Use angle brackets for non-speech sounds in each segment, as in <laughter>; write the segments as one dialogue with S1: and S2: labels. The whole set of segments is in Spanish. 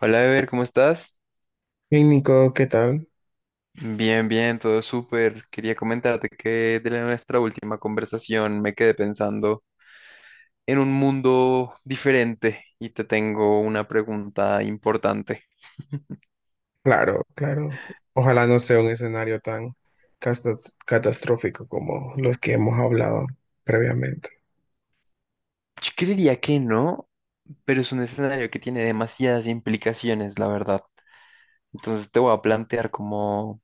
S1: Hola, Ever, ¿cómo estás?
S2: Hey Nico, ¿qué tal?
S1: Bien, bien, todo súper. Quería comentarte que nuestra última conversación me quedé pensando en un mundo diferente y te tengo una pregunta importante. <laughs>
S2: Claro, claro. Ojalá no sea un escenario tan catastrófico como los que hemos hablado previamente.
S1: Yo creería que no, pero es un escenario que tiene demasiadas implicaciones, la verdad. Entonces te voy a plantear como,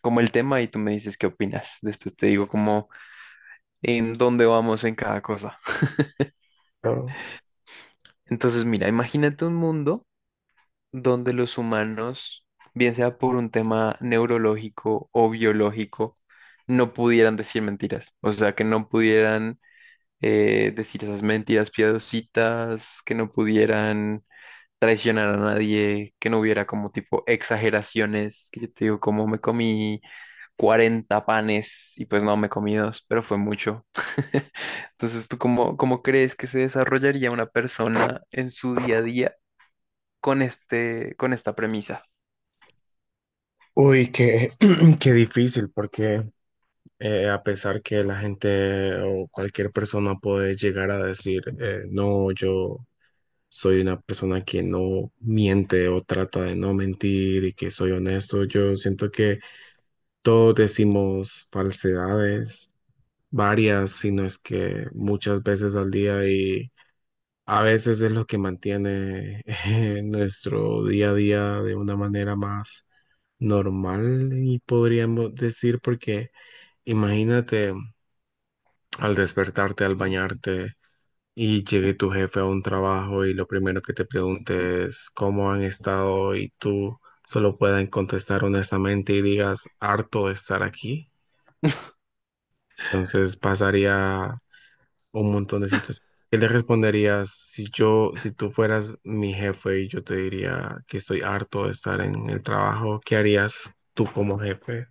S1: como el tema y tú me dices qué opinas. Después te digo como en dónde vamos en cada cosa.
S2: Pero,
S1: Entonces, mira, imagínate un mundo donde los humanos, bien sea por un tema neurológico o biológico, no pudieran decir mentiras, o sea, que no pudieran decir esas mentiras piadositas, que no pudieran traicionar a nadie, que no hubiera como tipo exageraciones, que yo te digo, como me comí 40 panes y pues no, me comí dos, pero fue mucho. <laughs> Entonces, ¿tú cómo crees que se desarrollaría una persona en su día a día con esta premisa?
S2: uy, qué, <clears throat> qué difícil, porque a pesar que la gente o cualquier persona puede llegar a decir, no, yo soy una persona que no miente o trata de no mentir y que soy honesto. Yo siento que todos decimos falsedades, varias, si no es que muchas veces al día, y a veces es lo que mantiene <laughs> nuestro día a día de una manera más normal, y podríamos decir porque imagínate, al despertarte, al bañarte y llegue tu jefe a un trabajo y lo primero que te pregunte es cómo han estado, y tú solo puedas contestar honestamente y digas harto de estar aquí. Entonces pasaría un montón de situaciones. ¿Qué le responderías si yo, si tú fueras mi jefe y yo te diría que estoy harto de estar en el trabajo? ¿Qué harías tú como jefe?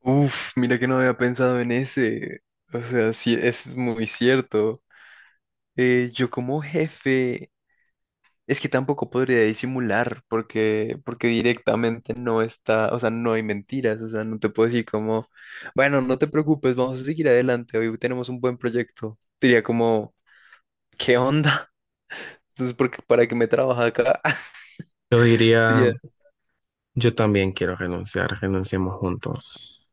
S1: Uf, mira que no había pensado en ese. O sea, sí, es muy cierto. Yo como jefe, es que tampoco podría disimular porque directamente no está, o sea, no hay mentiras, o sea, no te puedo decir como, bueno, no te preocupes, vamos a seguir adelante, hoy tenemos un buen proyecto. Diría como, ¿qué onda? <laughs> Entonces, porque para qué me trabaja acá, <laughs>
S2: Yo diría,
S1: sería,
S2: yo también quiero renunciar, renunciemos juntos.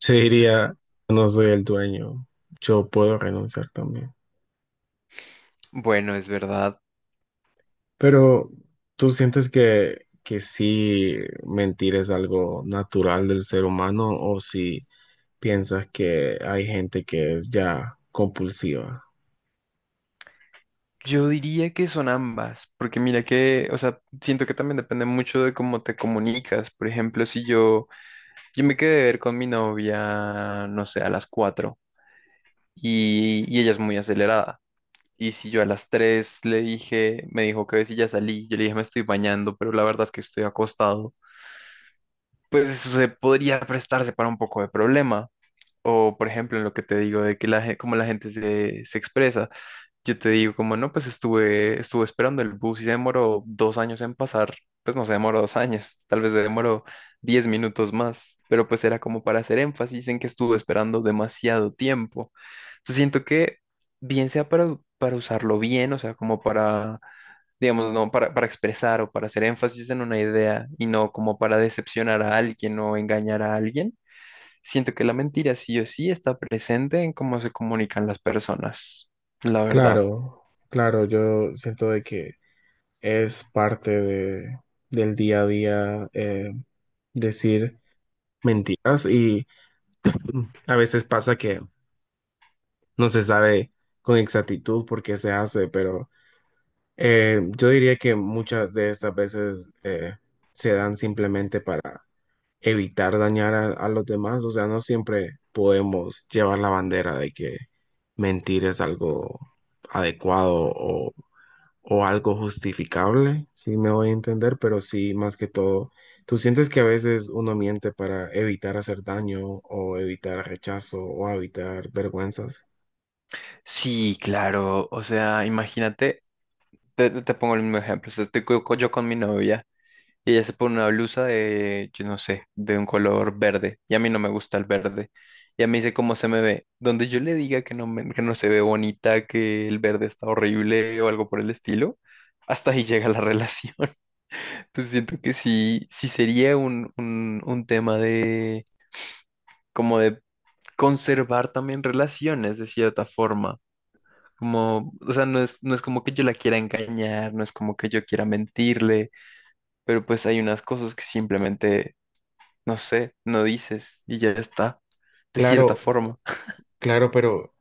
S2: Se diría, no soy el dueño, yo puedo renunciar también.
S1: bueno, es verdad.
S2: Pero, ¿tú sientes que sí mentir es algo natural del ser humano, o si piensas que hay gente que es ya compulsiva?
S1: Yo diría que son ambas, porque mira que, o sea, siento que también depende mucho de cómo te comunicas. Por ejemplo, si yo, yo me quedé de ver con mi novia, no sé, a las 4 y ella es muy acelerada. Y si yo a las 3 le dije, me dijo que si ya salí, yo le dije me estoy bañando, pero la verdad es que estoy acostado, pues eso se podría prestarse para un poco de problema. O por ejemplo, en lo que te digo de que cómo la gente se expresa. Yo te digo, como no, pues estuve esperando el bus y se demoró 2 años en pasar, pues no se demoró 2 años, tal vez se demoró 10 minutos más, pero pues era como para hacer énfasis en que estuve esperando demasiado tiempo. Entonces siento que bien sea para usarlo bien, o sea, como para, digamos, no, para expresar o para hacer énfasis en una idea y no como para decepcionar a alguien o engañar a alguien, siento que la mentira sí o sí está presente en cómo se comunican las personas, la verdad.
S2: Claro, claro, yo siento de que es parte del día a día, decir mentiras y a veces pasa que no se sabe con exactitud por qué se hace, pero... yo diría que muchas de estas veces se dan simplemente para evitar dañar a los demás. O sea, no siempre podemos llevar la bandera de que mentir es algo adecuado o algo justificable, si me voy a entender, pero sí, más que todo, tú sientes que a veces uno miente para evitar hacer daño, o evitar rechazo, o evitar vergüenzas.
S1: Sí, claro. O sea, imagínate, te pongo el mismo ejemplo. O sea, estoy yo con mi novia y ella se pone una blusa de, yo no sé, de un color verde y a mí no me gusta el verde. Y a mí dice cómo se me ve. Donde yo le diga que no, que no se ve bonita, que el verde está horrible o algo por el estilo, hasta ahí <laughs> llega la relación. <laughs> Entonces siento que sí, sí sería un tema de, como de conservar también relaciones de cierta forma. Como, o sea, no es como que yo la quiera engañar, no es como que yo quiera mentirle, pero pues hay unas cosas que simplemente, no sé, no dices y ya está, de cierta
S2: Claro,
S1: forma.
S2: claro, pero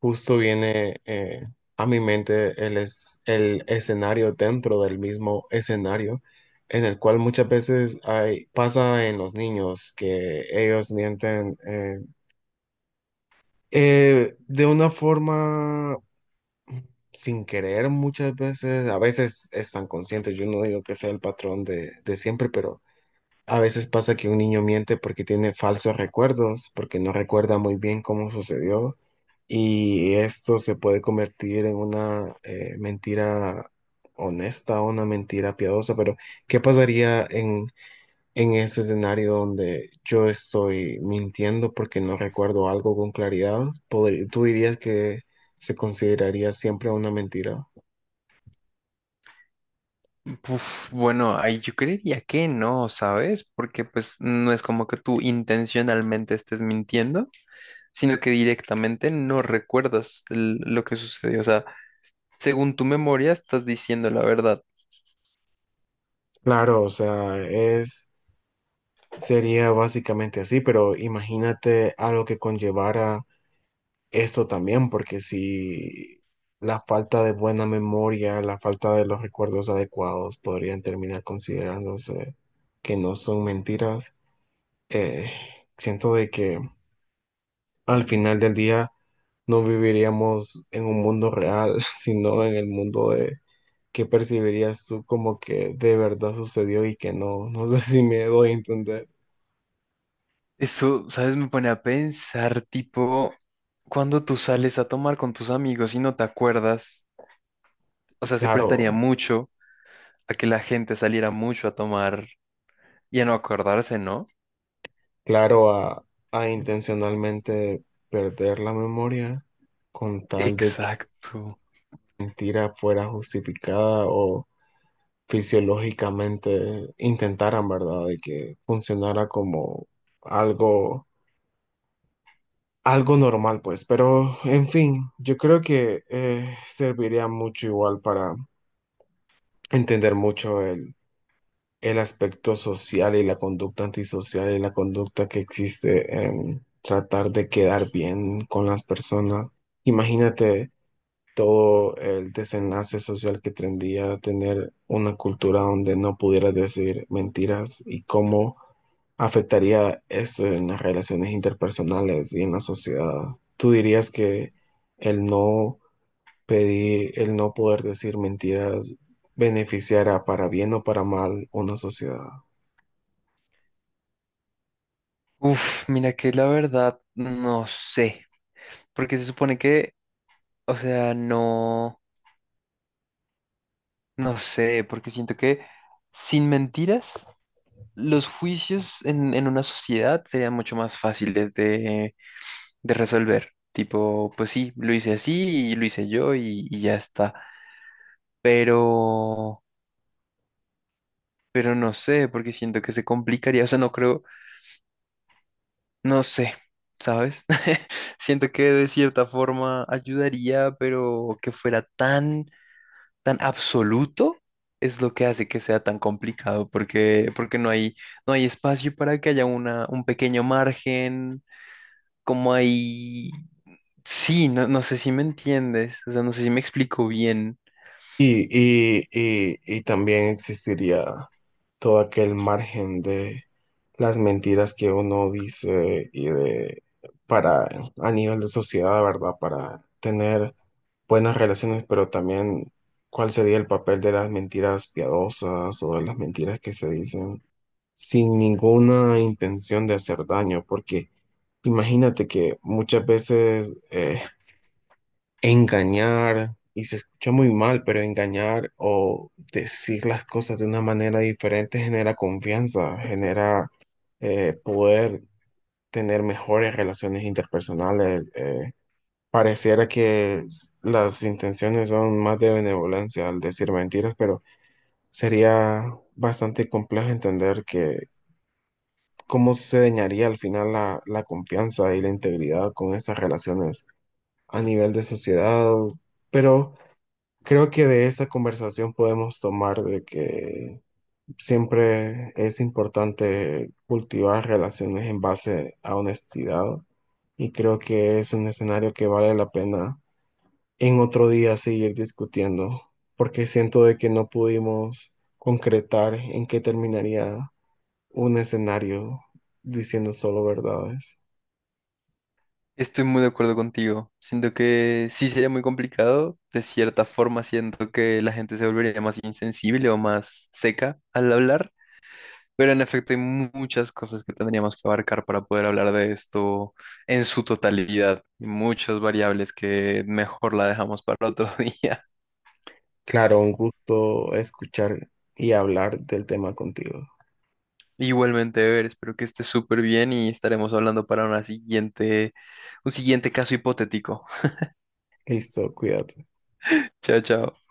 S2: justo viene a mi mente el escenario dentro del mismo escenario, en el cual muchas veces hay, pasa en los niños que ellos mienten, de una forma sin querer muchas veces, a veces están conscientes, yo no digo que sea el patrón de siempre, pero a veces pasa que un niño miente porque tiene falsos recuerdos, porque no recuerda muy bien cómo sucedió, y esto se puede convertir en una mentira honesta, una mentira piadosa, pero ¿qué pasaría en ese escenario donde yo estoy mintiendo porque no recuerdo algo con claridad? ¿Tú dirías que se consideraría siempre una mentira?
S1: Uf, bueno, ahí yo creería que no, ¿sabes? Porque pues no es como que tú intencionalmente estés mintiendo, sino que directamente no recuerdas lo que sucedió. O sea, según tu memoria estás diciendo la verdad.
S2: Claro, o sea, es... Sería básicamente así, pero imagínate a lo que conllevara esto también, porque si la falta de buena memoria, la falta de los recuerdos adecuados podrían terminar considerándose que no son mentiras, eh, siento de que al final del día no viviríamos en un mundo real, <laughs> sino en el mundo de que percibirías tú como que de verdad sucedió y que no. No sé si me doy a entender.
S1: Eso, ¿sabes? Me pone a pensar, tipo, cuando tú sales a tomar con tus amigos y no te acuerdas, o sea, se prestaría
S2: Claro.
S1: mucho a que la gente saliera mucho a tomar y a no acordarse, ¿no?
S2: Claro, a intencionalmente perder la memoria con tal de que
S1: Exacto.
S2: la mentira fuera justificada, o fisiológicamente intentaran, ¿verdad? De que funcionara como algo, algo normal, pues. Pero, en fin, yo creo que serviría mucho igual para entender mucho el aspecto social y la conducta antisocial y la conducta que existe en tratar de quedar bien con las personas. Imagínate todo el desenlace social que tendría a tener una cultura donde no pudiera decir mentiras, y cómo afectaría esto en las relaciones interpersonales y en la sociedad. ¿Tú dirías que el no pedir, el no poder decir mentiras beneficiará para bien o para mal una sociedad?
S1: Uf, mira que la verdad, no sé, porque se supone que, o sea, no, no sé, porque siento que sin mentiras, los juicios en una sociedad serían mucho más fáciles de resolver. Tipo, pues sí, lo hice así y lo hice yo y ya está. Pero, pero no sé, porque siento que se complicaría. O sea, no creo, no sé, ¿sabes? <laughs> Siento que de cierta forma ayudaría, pero que fuera tan, tan absoluto es lo que hace que sea tan complicado, porque no hay espacio para que haya un pequeño margen, como hay... Sí, no, no sé si me entiendes, o sea, no sé si me explico bien.
S2: Y también existiría todo aquel margen de las mentiras que uno dice y de para a nivel de sociedad, ¿verdad? Para tener buenas relaciones, pero también cuál sería el papel de las mentiras piadosas o de las mentiras que se dicen sin ninguna intención de hacer daño, porque imagínate que muchas veces engañar, y se escucha muy mal, pero engañar o decir las cosas de una manera diferente genera confianza, genera poder tener mejores relaciones interpersonales. Pareciera que las intenciones son más de benevolencia al decir mentiras, pero sería bastante complejo entender que cómo se dañaría al final la, la confianza y la integridad con estas relaciones a nivel de sociedad, pero... Creo que de esa conversación podemos tomar de que siempre es importante cultivar relaciones en base a honestidad, y creo que es un escenario que vale la pena en otro día seguir discutiendo, porque siento de que no pudimos concretar en qué terminaría un escenario diciendo solo verdades.
S1: Estoy muy de acuerdo contigo. Siento que sí sería muy complicado. De cierta forma, siento que la gente se volvería más insensible o más seca al hablar. Pero en efecto, hay muchas cosas que tendríamos que abarcar para poder hablar de esto en su totalidad. Y muchas variables que mejor la dejamos para otro <laughs> día.
S2: Claro, un gusto escuchar y hablar del tema contigo.
S1: Igualmente, ver, espero que estés súper bien y estaremos hablando para un siguiente caso hipotético. <laughs>
S2: Listo, cuídate.
S1: Chao, chao.